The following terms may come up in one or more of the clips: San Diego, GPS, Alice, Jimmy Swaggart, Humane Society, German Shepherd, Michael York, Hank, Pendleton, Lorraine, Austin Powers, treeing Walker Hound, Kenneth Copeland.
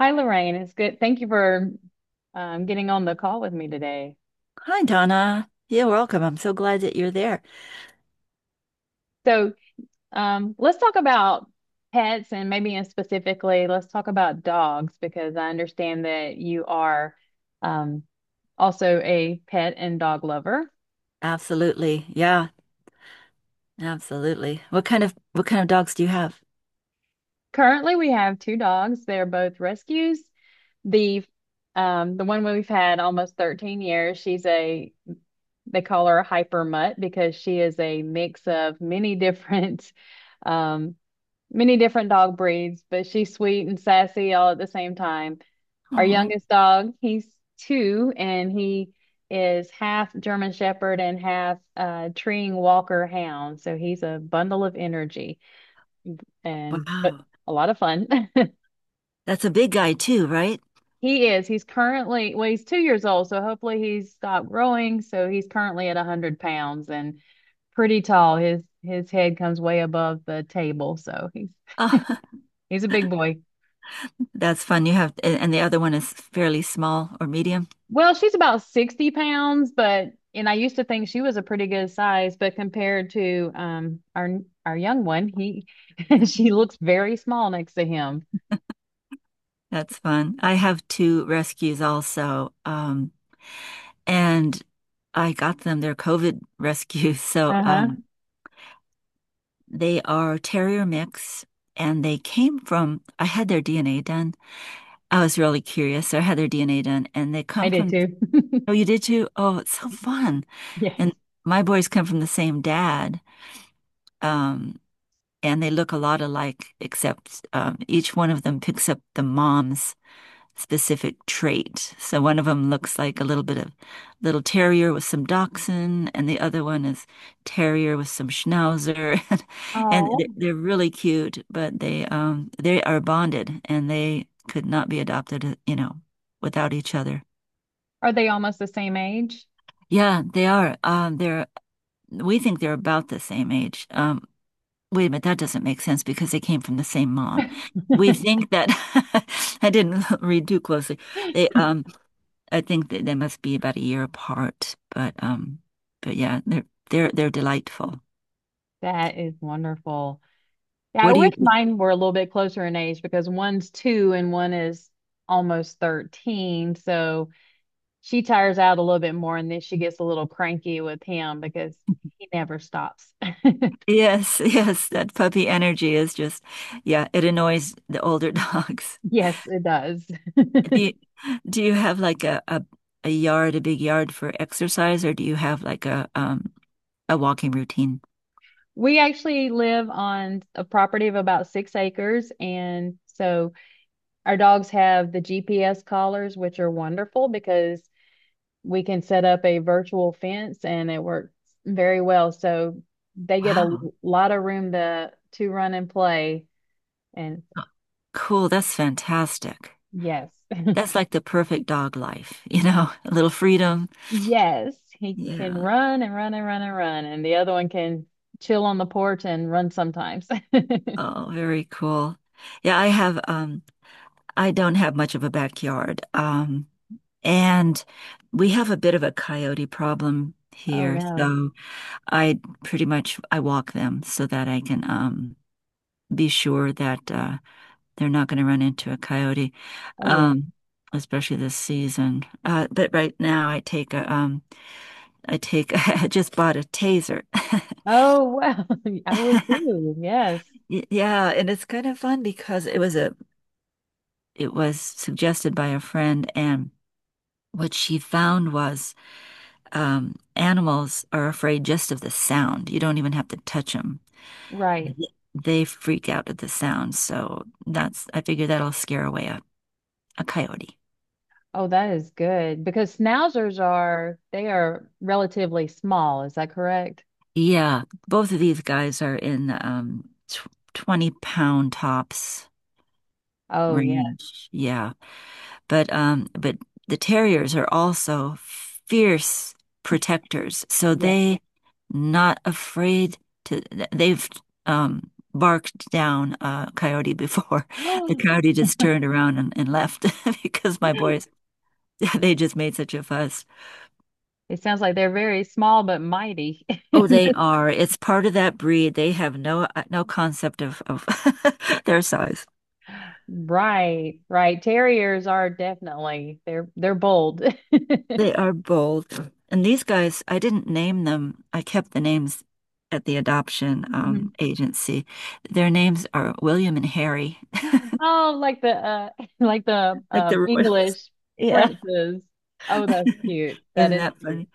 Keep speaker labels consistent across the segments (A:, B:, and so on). A: Hi, Lorraine. It's good. Thank you for getting on the call with me today.
B: Hi, Donna. You're welcome. I'm so glad that you're there.
A: So, let's talk about pets and maybe in specifically, let's talk about dogs because I understand that you are um, also a pet and dog lover.
B: Absolutely. Yeah, absolutely. What kind of dogs do you have?
A: Currently, we have two dogs. They're both rescues. The the one we've had almost 13 years, she's a they call her a hyper mutt because she is a mix of many different um, many different dog breeds, but she's sweet and sassy all at the same time. Our
B: Oh,
A: youngest dog, he's two, and he is half German Shepherd and half treeing Walker Hound. So he's a bundle of energy and but
B: wow.
A: a lot of fun.
B: That's a big guy too, right?
A: He is. He's currently, well, he's 2 years old, so hopefully he's stopped growing. So he's currently at 100 pounds and pretty tall. His head comes way above the table, so he's
B: Oh,
A: he's a big boy.
B: that's fun. You have, and the other one is fairly small or medium.
A: Well, she's about 60 pounds, but and I used to think she was a pretty good size, but compared to our young one, he she looks very small next to him.
B: That's fun. I have two rescues also. And I got them, they're COVID rescues. So,
A: Uh-huh.
B: they are terrier mix and they came from, I had their DNA done. I was really curious. So I had their DNA done, and they
A: I
B: come
A: did
B: from.
A: too.
B: Oh, you did too? Oh, it's so fun.
A: Yes.
B: And my boys come from the same dad, um, and they look a lot alike, except each one of them picks up the mom's specific trait. So one of them looks like a little bit of little terrier with some dachshund, and the other one is terrier with some schnauzer, and
A: Oh,
B: they- are really cute, but they are bonded and they could not be adopted, you know, without each other.
A: are they almost the same age?
B: Yeah, they are. They're we think they're about the same age. Wait a minute, that doesn't make sense because they came from the same mom. We think that I didn't read too closely. They I think that they must be about a year apart, but yeah, they're delightful.
A: That is wonderful. Yeah, I
B: What do you?
A: wish mine were a little bit closer in age because one's two and one is almost 13. So she tires out a little bit more and then she gets a little cranky with him because he never stops.
B: Yes, yes, that puppy energy is just, yeah, it annoys the older dogs.
A: Yes, it does.
B: Do you, do you have like a yard, a big yard for exercise, or do you have like a walking routine?
A: We actually live on a property of about 6 acres. And so our dogs have the GPS collars, which are wonderful because we can set up a virtual fence and it works very well. So they get a
B: Wow,
A: lot of room to, run and play. And
B: cool, that's fantastic.
A: yes,
B: That's like the perfect dog life, you know, a little freedom.
A: yes, he can
B: Yeah.
A: run and run and run and run. And the other one can chill on the porch and run sometimes.
B: Oh, very cool. Yeah, I don't have much of a backyard. And we have a bit of a coyote problem
A: Oh,
B: here.
A: no.
B: So I pretty much I walk them so that I can be sure that they're not going to run into a coyote,
A: Oh, yes.
B: um, especially this season. But right now I take I just bought a taser.
A: Oh, well, I would too. Yes.
B: Y- Yeah, and it's kind of fun because it was suggested by a friend and what she found was animals are afraid just of the sound. You don't even have to touch them.
A: Right.
B: They freak out at the sound. So that's, I figure that'll scare away a coyote.
A: Oh, that is good because schnauzers are they are relatively small. Is that correct?
B: Yeah, both of these guys are in tw 20-pound tops
A: Oh, yeah.
B: range. Yeah. But the terriers are also fierce protectors, so
A: Yeah.
B: they not afraid to. They've barked down a coyote before. The coyote just turned around and left because my boys they just made such a fuss.
A: It sounds like they're very small but mighty.
B: Oh, they are. It's part of that breed. They have no concept of their size.
A: Right. Right. Terriers are definitely they're bold.
B: They are bold. And these guys, I didn't name them. I kept the names at the adoption
A: Mhm.
B: agency. Their names are William and Harry,
A: Oh, like the like the
B: like the royals.
A: English
B: Yeah.
A: princes. Oh, that's cute. That
B: Isn't
A: is
B: that
A: cute.
B: funny?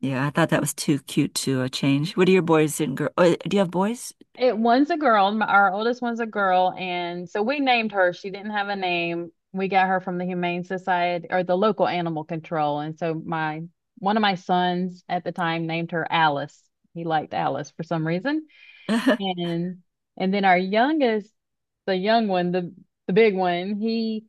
B: Yeah, I thought that was too cute to change. What are your boys and girls? Oh, do you have boys?
A: It one's a girl. My- Our oldest one's a girl, and so we named her. She didn't have a name. We got her from the Humane Society or the local animal control. And so my one of my sons at the time named her Alice. He liked Alice for some reason. And and then our youngest, the young one, the big one, he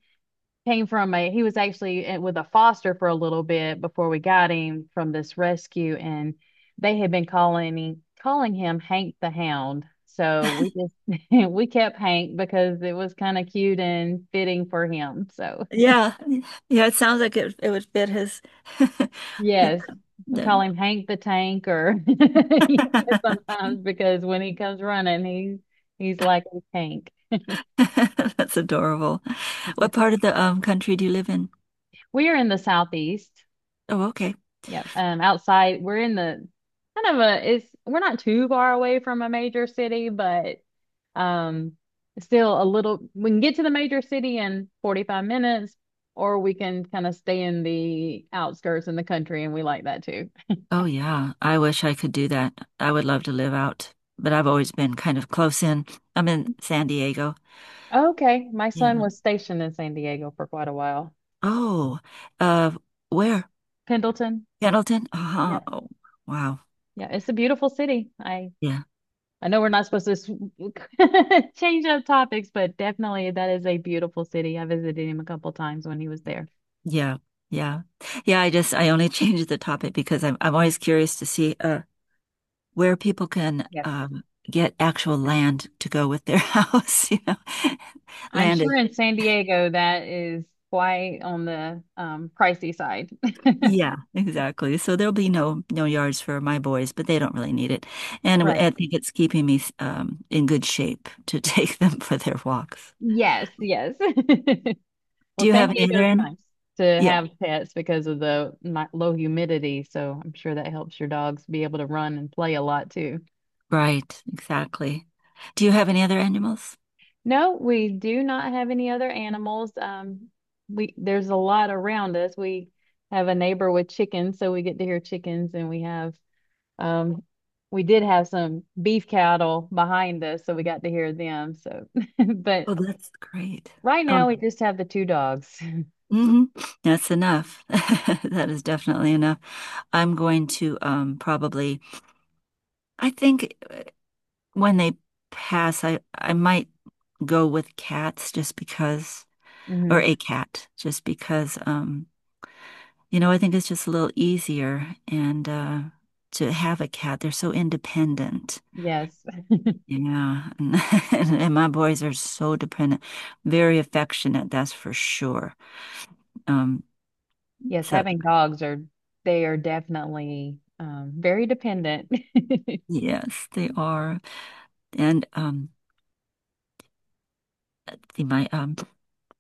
A: came from a he was actually with a foster for a little bit before we got him from this rescue and they had been calling him Hank the Hound. So we just we kept Hank because it was kind of cute and fitting for him. So
B: Yeah. Yeah, it sounds like it would fit his the-
A: yes, we call
B: the-
A: him Hank the Tank or sometimes because when he comes running he's like a tank.
B: That's adorable. What part of the country do you live in?
A: We are in the southeast.
B: Oh, okay.
A: Yeah. Outside, we're in the kind of a it's we're not too far away from a major city, but um still a little we can get to the major city in 45 minutes, or we can kind of stay in the outskirts in the country, and we like that too.
B: Oh, yeah. I wish I could do that. I would love to live out, but I've always been kind of close in. I'm in San Diego.
A: Okay. My
B: Yeah.
A: son was stationed in San Diego for quite a while.
B: Oh, uh, where?
A: Pendleton.
B: Pendleton? Uh-huh.
A: Yeah.
B: Oh, wow.
A: Yeah, it's a beautiful city. I
B: Yeah.
A: I know we're not supposed to s- change up topics, but definitely that is a beautiful city. I visited him a couple times when he was there.
B: Yeah. Yeah. Yeah. I only changed the topic because I'm always curious to see, where people can,
A: Yes.
B: get actual land to go with their house, you know.
A: I'm
B: Land
A: sure
B: is
A: in San Diego that is quite on the pricey side.
B: yeah, exactly. So there'll be no yards for my boys, but they don't really need it. And
A: Right.
B: I think it's keeping me in good shape to take them for their walks.
A: Yes, yes. Well,
B: Do you
A: San
B: have any other
A: Diego's
B: animals?
A: nice to
B: Yeah,
A: have pets because of the mi- low humidity, so I'm sure that helps your dogs be able to run and play a lot too.
B: right, exactly. Do you have any other animals?
A: No, we do not have any other animals. We there's a lot around us. We have a neighbor with chickens, so we get to hear chickens, and we have Um, we did have some beef cattle behind us, so we got to hear them. So, but
B: Oh, that's great.
A: right
B: Oh,
A: now we just have the two dogs.
B: hmm. That's enough. That is definitely enough. I'm going to probably, I think when they pass, I might go with cats just because,
A: Hmm.
B: or a cat, just because you know, I think it's just a little easier and to have a cat. They're so independent.
A: Yes.
B: Yeah. And my boys are so dependent, very affectionate, that's for sure. Um,
A: Yes,
B: so
A: having dogs are they are definitely very dependent.
B: yes, they are. And they might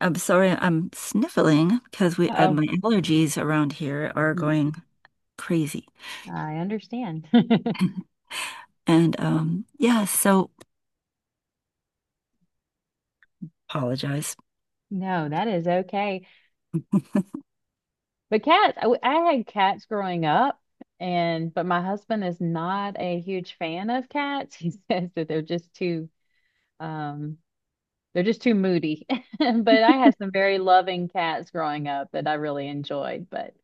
B: I'm sorry, I'm sniffling because we my
A: Oh,
B: allergies around here are going crazy.
A: I understand.
B: And yeah, so apologize.
A: No, that is okay. But cats, I had cats growing up, and but my husband is not a huge fan of cats. He says that they're just too um they're just too moody. But I had some very loving cats growing up that I really enjoyed. But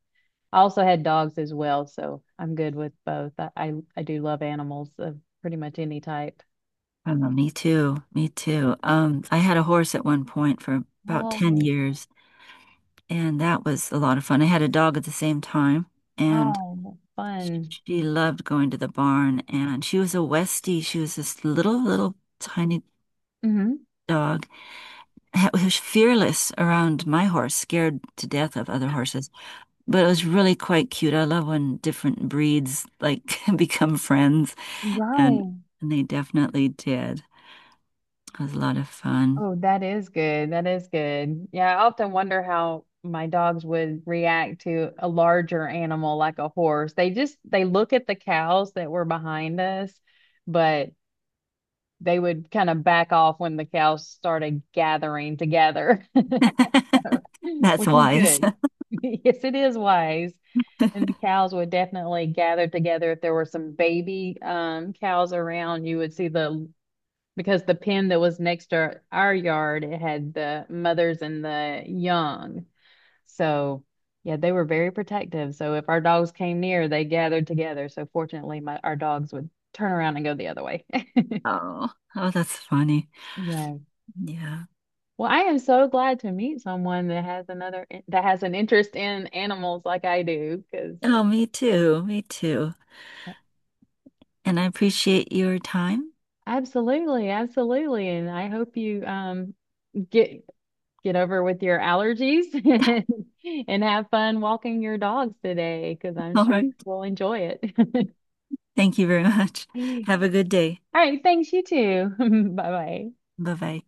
A: I also had dogs as well, so I'm good with both. I do love animals of pretty much any type.
B: Oh, me too. Me too. I had a horse at one point for about 10
A: Oh,
B: years, and that was a lot of fun. I had a dog at the same time, and
A: oh,
B: sh-
A: fun.
B: she loved going to the barn. And she was a Westie. She was this little, little tiny
A: Hmm.
B: dog. It was fearless around my horse, scared to death of other horses. But it was really quite cute. I love when different breeds like become friends, and,
A: Right.
B: and they definitely did. It was a lot of fun.
A: Oh, that is good. That is good. Yeah, I often wonder how my dogs would react to a larger animal like a horse. They just they look at the cows that were behind us, but they would kind of back off when the cows started gathering together,
B: That's
A: which is
B: wise.
A: good. Yes, it is wise. And the cows would definitely gather together. If there were some baby cows around, you would see the, because the pen that was next to our yard, it had the mothers and the young. So, yeah, they were very protective. So if our dogs came near, they gathered together. So fortunately, my, our dogs would turn around and go the other way.
B: Oh, oh, that's funny.
A: Yeah.
B: Yeah.
A: Well, I am so glad to meet someone that has another that has an interest in animals like I do, because
B: Oh, me too. Me too. And I appreciate your time.
A: absolutely, absolutely. And I hope you get get over with your allergies and have fun walking your dogs today, because I'm
B: All
A: sure
B: right.
A: we'll enjoy it.
B: Thank you very much. Have a good day.
A: All right, thanks, you too. Bye bye.
B: Bye bye.